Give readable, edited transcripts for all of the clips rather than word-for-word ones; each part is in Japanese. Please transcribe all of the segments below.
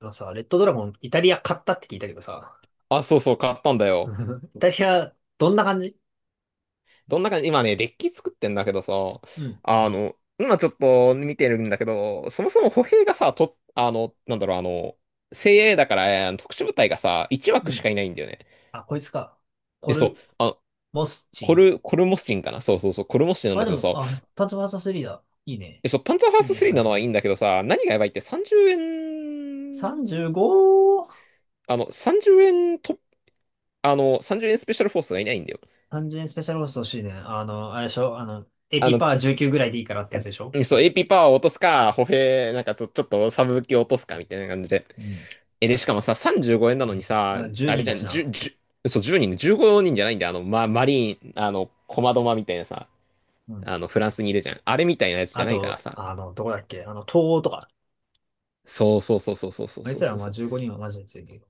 あのさ、レッドドラゴン、イタリア買ったって聞いたけどさ、あ、そうそう、買ったんだよ。イタリア、どんな感じ？どんな感じ、今ね、デッキ作ってんだけどさ、うん、今ちょっと見てるんだけど、そもそも歩兵がさ、と、あの、なんだろう、精鋭だから、特殊部隊がさ、1う枠しかん。いないんだよね。あ、こいつか。コえ、そう、ル、あ、モスチン。コルモスチンかな、そうそうそう、コルモスチンなんあ、だでけども、さ、あ、パンツァーサ3だ。いいね。え、そう、パンツァーファーいいストねって3感なじだのけはいいど。んだけどさ、何がやばいって30円、35! 30円と、30円スペシャルフォースがいないんだよ。30円スペシャルホースト欲しいね。あれでしょエあピの、パー19ぐらいでいいからってやつでしょ？うんそう、AP パワーを落とすか、歩兵、なんかちょっとサブ武器を落とすかみたいな感じで。うん、え、で、しかもさ、35円なのにさ、あ、10あれ人じだゃしん、な。10、じゅうそう、1人、15人じゃないんだよ。マリーン、コマドマみたいなさ、うん。フランスにいるじゃん。あれみたいなやつじあゃないからと、さ。どこだっけ東欧とか。そうそうそうそうそうそうあいそうつらはそうまそあう。15人はマジで強いけど。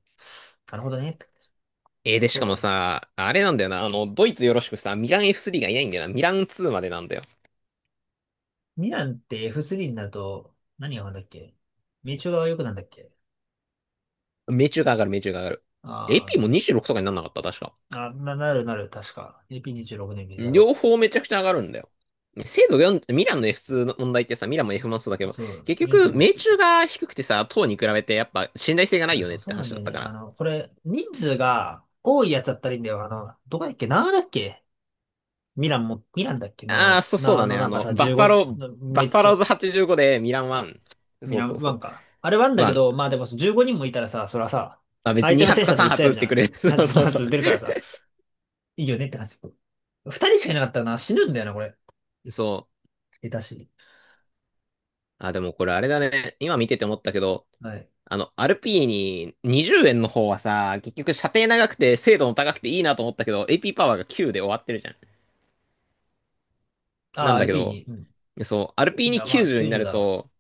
なるほどね。で、しそうかだもね。さ、あれなんだよな、ドイツよろしくさ、ミラン F3 がいないんだよな。ミラン2までなんだよ。ミランって F3 になると、何がなんだっけ？名称が良くなんだっけ？命中が上がる、命中が上がる。あ AP ーもあ26とかになんなかった、確か。あ、なるなる、確か。AP26 年ビザ両ロ。方めちゃくちゃ上がるんだよ。精度4、ミランの F2 の問題ってさ、ミランも F1 もそうだけど、そう、結局、45っ命てい中う。が低くてさ、塔に比べてやっぱ信頼性がないあ、よそねっう、そてうなん話だだっよたね。から。これ、人数が多いやつだったらいいんだよ。どこだっけなだっけ、ミランも、ミランだっけああ、なそう、そうなだね。なんかさ、15、バッめフっァちロゃ、ーズ85でミラン1。ミそうラそンうワそう。ンか。あれワンだけ1。ど、まあでも15人もいたらさ、そらさ、まあ別に相手の2戦発か車と撃っち3合え発撃るっじてゃくん。れる。やそつうこのそうやそう。つ出るからさ、いいよねって感じ。2人しかいなかったらな、死ぬんだよな、これ。そう。下手しに。あ、でもこれあれだね。今見てて思ったけど、はい。アールピーに20円の方はさ、結局射程長くて精度も高くていいなと思ったけど、AP パワーが9で終わってるじゃん。なあ、んだ r け p ど、ニ、うん。そう、いや、まあ、RP290 にな90るだろと、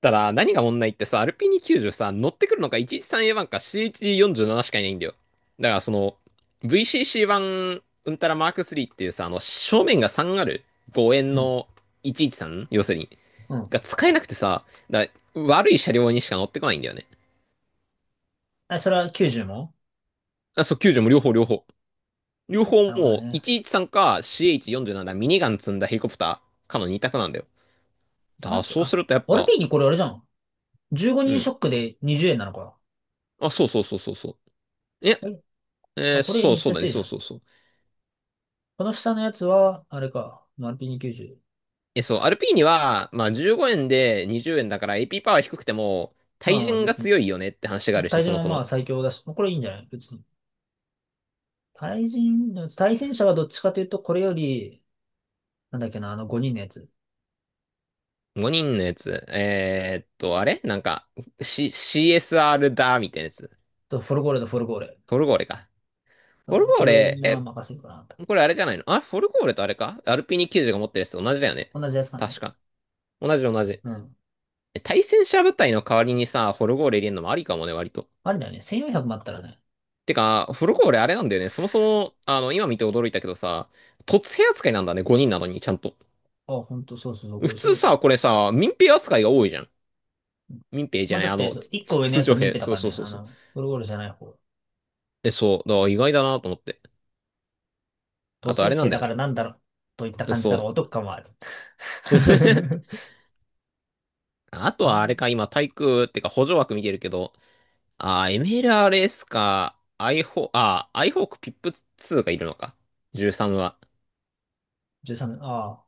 ただ何が問題ってさ、RP290 さ、乗ってくるのが 113A1 か CH47 しかいないんだよ。だからその、VCC1 うんたらマーク3っていうさ、正面が3ある5円う。うん。の 113 要するに、うん。が使えなくてさ、だから悪い車両にしか乗ってこないんだよね。あ、それは90も。あ、そう、90も両方両方。両方なるほどもうね。113か CH47 だ、ミニガン積んだヘリコプターかの2択なんだよ。だか待らって、そうすあ、るとやっ r ぱ、p ニこれあれじゃん。15う人シん。ョックで20円なのか。あ、そうそうそうそうそう。え、え、えあ、ーこれそう、めっそちうゃだね、強いじそゃうそん。うそう。この下のやつは、あれか。RP2 90。え、そう、アルピーニは、まあ、15円で20円だから AP パワー低くても、ま対あまあ人が別に。強いよねって話があるし、対そ人もはそまあも。最強だし、これいいんじゃない？別に。対人、対戦者はどっちかというと、これより、なんだっけな、あの5人のやつ。5人のやつ。あれなんか、CSR だ、みたいなやつ。と、フォルゴーレとフォルゴーレ。フォルゴーレか。フォルゴーこれレ、にまあえ、任せるかなと。これあれじゃないの、あ、フォルゴーレとあれかアルピーニ90が持ってるやつ同じだよね。同じやつか確な。か。同じ同じ。うん。え対戦車部隊の代わりにさ、フォルゴーレ入れるのもありかもね、割と。あれだよね。1400もあったらね。てか、フルコ俺あれなんだよね。そもそも、今見て驚いたけどさ、突兵扱いなんだね、5人なのに、ちゃんと。あ、ほんと、そうそうそう、こ普れす通ごい。うさ、これさ、民兵扱いが多いじゃん。ん。民兵じまゃあ、ない、だっあて、の、そう、つ1個つ上の通やつ常は民兵。兵だそかうらそね。うそうそう。ゴロゴロじゃない方。え、そう、だから意外だなと思って。土あとあ星れな兵んだだよかな。らなんだろう。といったえ感じだからそお得感はある。う。あとあ、はあれか、今、対空、ってか補助枠見てるけど、MLRS か、i4、アイホークピップツ2がいるのか。13は。13、ああ、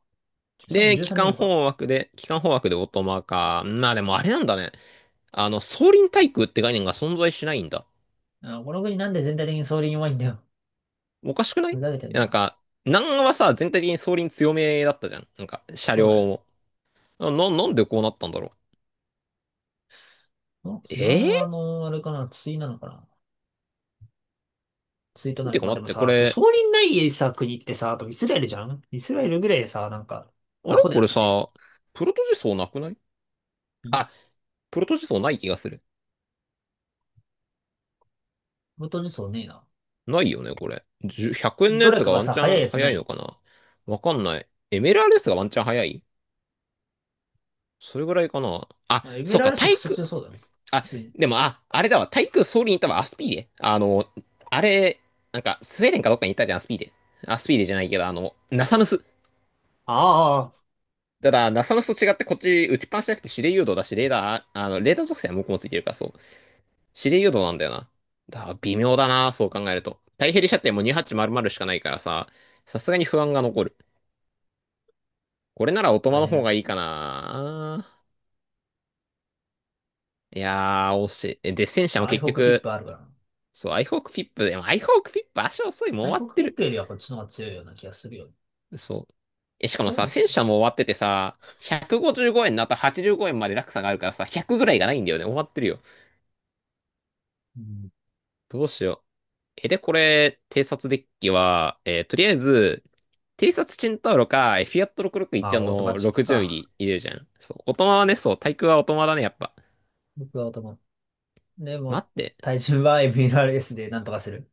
13、で、13ミリか。機関砲枠でオートマか。まあでもあれなんだね。総輪対空って概念が存在しないんだ。あ、この国なんで全体的に総理に弱いんだよ。おかしくない、いふざけてんやなんな。か、南アはさ、全体的に総輪強めだったじゃん。なんか、車そ両うだね。も。なんでこうなったんだろあ、う。ええあれかな、対なのかな。対とーなてる。かまあ、で待っもて、こさ、そう、れ、総理ないさ、国ってさ、あとイスラエルじゃん、イスラエルぐらいさ、なんか、あれアホでこやっれてくれよ。さ、プロトジソーなくない、んあ、プロトジソーない気がする。元そうねえな。ないよね、これ。10 100円のどやれつかががワンさ、チ早いャやンつな早いのい？かな、わかんない。MLRS がワンチャン早い、それぐらいかなあ、まあエメそうラか、ルシク対ソ空、強そうだな。普あ、通に。でも、あ、あれだわ。対空ソウルに行ったわ。アスピーレ。あの、あれ、なんか、スウェーデンかどっかに行ったじゃん、アスピーレ。アスピーレじゃないけど、ナサムス。ああ、ただ、ナサムスと違って、こっち、打ちっぱなしじゃなくて、指令誘導だし、レーダー属性は向こうもついてるから、そう。指令誘導なんだよな。だから、微妙だな、そう考えると。太平射程も2800しかないからさ、さすがに不安が残る。これなら、オトこマれの方ね、がいいかな。いやー、惜しい。で、戦車まあもアイ結ホークピッ局、プあるから。そう、アイホークフィップ、でも、アイホークフィップ、足遅い、もうアイ終ホわーっクてピッる。プよりはこっちの方が強いような気がするよ。そう。え、しかこもれさ、も結戦構強車い。も終わっててさ、155円の後85円まで落差があるからさ、100ぐらいがないんだよね。終わってるよ。うん。どうしよう。え、で、これ、偵察デッキは、とりあえず、偵察チェンタウロか、フィアットま661あ、オートマのチック60ミリか。入れるじゃん。そう。オトマはね、そう、対空はオトマだね、やっぱ。僕はオートマ。でも、待って。体重は MLRS でなんとかする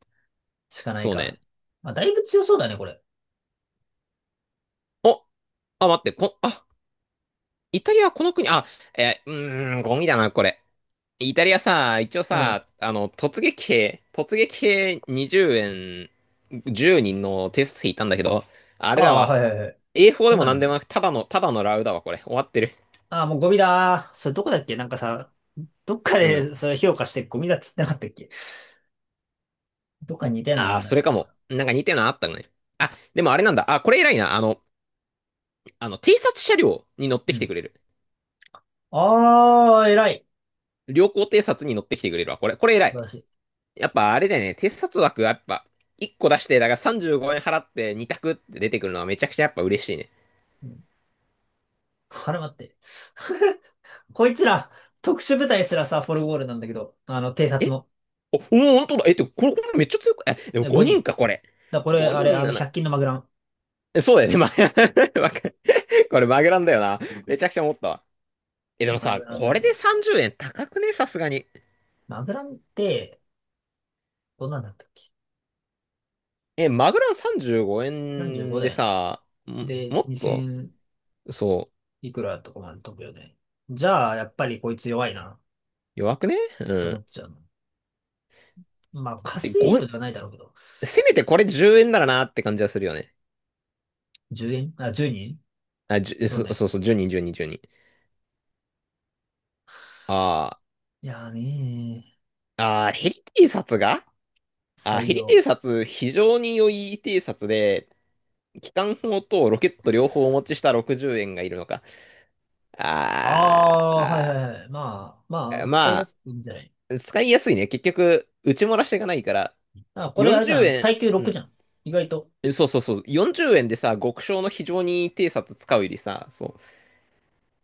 しかないそうか。ね。まあ、だいぶ強そうだね、これ。おあ、待って、あ、イタリアはこの国、あ、うーん、ゴミだな、これ。イタリアさ、一応うん。さ、突撃兵20円10人の偵察トいたんだけど、ああれだあ、わ。はいはいはい。A4 そでんもなのなんで今。もなく、ただのラウだわ、これ。終わってる。ああ、もうゴミだー。それどこだっけ？なんかさ、どっかうん。でそれ評価してゴミだっつってなかったっけ？どっかに似たようなのああんあ、だそれつそかしたも。ら。なんか似てるのあったね。あ、でもあれなんだ。あ、これ偉いな。偵察車両に乗ってうきてん。くれる。ああ、偉い。良好偵察に乗ってきてくれるわ。これ偉素晴い。らしい。やっぱあれだよね。偵察枠はやっぱ、1個出して、だから35円払って2択って出てくるのはめちゃくちゃやっぱ嬉しいね。うん。あれ待って。こいつら、特殊部隊すらさ、フォルゴールなんだけど、偵察え、のお、本当だ。え、って、これ、これめっちゃ強く、え、でも5 5人人。か、これ。だ、これ、あ5れ、人100均のマグラン。え、そうだよね。わかこれマグランだよな。めちゃくちゃ思ったわ。え、でもマさ、グランだこれね。で30円高くねさすがに。マグランって、どんなんだったっけ？え、マグラン3515円だでよな。さ、で、もっと、2000そう、いくらとかまで飛ぶよね。じゃあ、やっぱりこいつ弱いな、弱くねうと思ん。っちゃうの。まあ、カで、スユニッ5、トではないだろうけど。せめてこれ10円ならなって感じはするよね。10円、あ、10人。あ、じゅ、そうそ、ね。そうそう、10人、10人、10人。あいやーねヘリ偵察が、ー、最ヘリ良。偵察、非常に良い偵察で、機関砲とロケット両方お持ちした60円がいるのか。ああーあ、はいはあいはい。まあ、まあ、使いやますくていいんじゃない？あ、使いやすいね。結局、打ち漏らしがないから、あ、これあれじ40ゃん。円、耐久う6じゃん。ん。意外と。そうそうそう。40円でさ、極小の非常に偵察使うよりさ、そ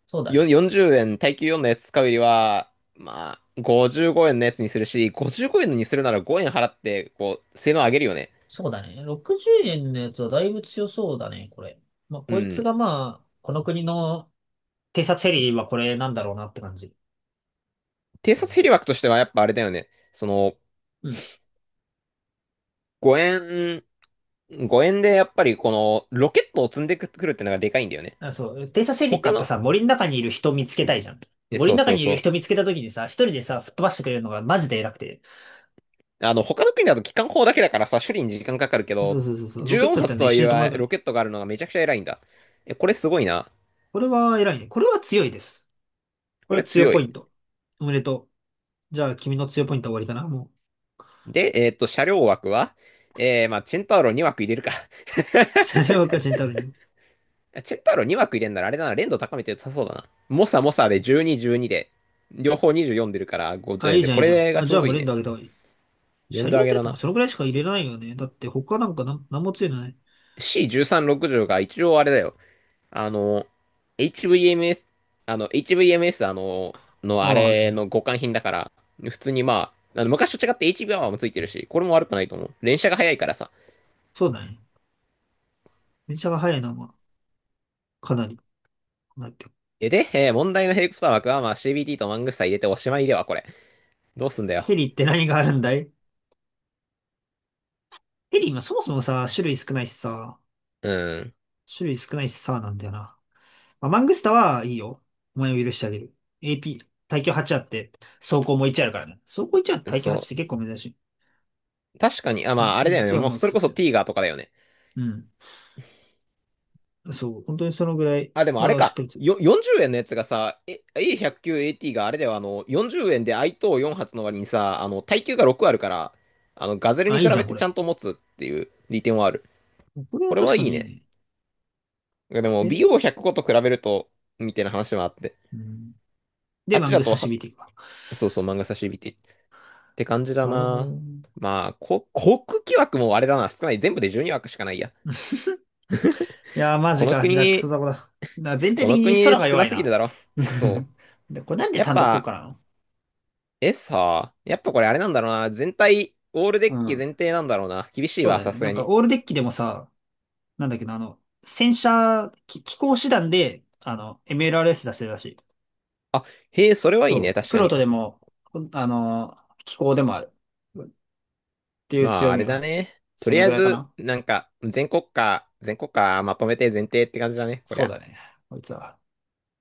そうう。だね。40円、耐久4のやつ使うよりは、まあ、55円のやつにするし、55円のにするなら5円払って、こう、性能上げるよね。そうだね。60円のやつはだいぶ強そうだね、これ。まあ、うこいつん。がまあ、この国の偵察ヘリはこれなんだろうなって感じ。偵察ヘリ枠としてはやっぱあれだよね。その、うん。5円、5円でやっぱりこのロケットを積んでくるってのがでかいんだよね。あ、そう。偵察ヘリって他やっぱの、さ、森の中にいる人見つけたいじゃん。え、森そのう中そうにいるそ人う。見つけた時にさ、一人でさ、吹っ飛ばしてくれるのがマジで偉くて。他の国だと機関砲だけだからさ、処理に時間かかるけそうど、そうそうそう。ロケットだ14ったら発とね、一はい瞬で止まるえからね。ロケットがあるのがめちゃくちゃ偉いんだ。え、これすごいな。これは偉いね。これは強いです。ここれはれ強強ポイい。ント。おめでとう。じゃあ、君の強いポイントは終わりかな、もで、車両枠は、まあ、チェンタウロ2枠入れるか。う。車両赤字にたるに。チェンタウロ2枠入れんならあれだな、連動高めて良さそうだな。モサモサで12、12で、両方24出るから50あ、い円いで、じゃん、こいいじゃん。れがあ、ちじょゃうあどもういい連ね。打あげた方がいい。連車動両上っげてだとかな。そのぐらいしか入れないよね。だって他なんも強いのない。C1360 が一応あれだよ。あの、HVMS、あの、HVMS、あああ、はれい。の互換品だから、普通にまあ、あの昔と違って h v ーもついてるし、これも悪くないと思う。連射が早いからさ。そうだね。電車が速いな、まあ、かなり。なんだっけ？えで、えー問題のヘイクプター枠はまあ CBT とマングスタ入れておしまいでは、これ。どうすんだよ。ヘリって何があるんだい？ヘリ今そもそもさ、種類少ないしさ、うん。種類少ないしさ、なんだよな。まあ、マングスタはいいよ。お前を許してあげる。AP、耐久8あって、走行も1あるからね。走行1あって耐久8っそて結構珍しい。う。確かに、あ、まあ、あれだよね。実はもう、マッそクれスこそ強い。ティーガーとかだよね。うん。そう、本当にそのぐらい、あ、でもあれまあしっかか。りつ、40円のやつがさ、A109AT があれだよ、40円で i 等4発の割にさ、耐久が6あるから、ガゼルにあ、い比いじゃべん、こてちれ。ゃんと持つっていう利点はある。これはこれ確はかいいにいいね。ね。でも、で、BO105 と比べると、みたいな話もあって。うん。あで、っマちンだグスと刺は、身っていくわ。そうそう、漫画差し指って感じだなるほど。な。まあ、航空機枠もあれだな、少ない。全部で12枠しかないや。いやー、マこジのか。じゃあ、クソ国、ザコだ。な、全体こ的のに国空が少弱ないすぎるな。だろ。そ で、これなんう。でやっ単独効ぱ、果なの？さあ、やっぱこれあれなんだろうな。全体、オールデうッキん。前提なんだろうな。厳しいそうわ、ださね。すながんか、に。オールデッキでもさ、なんだっけな、戦車、機甲師団で、MLRS 出せるらしい。あ、へえ、それはいいね、そう。確プかロに。トでも、ほんあの、機甲でもある。っていうまあ、強あみれがあだる。ね。とそりのあぐえらいかず、な。なんか、全国家まとめて前提って感じだね、こりそうゃ。だね。こいつは。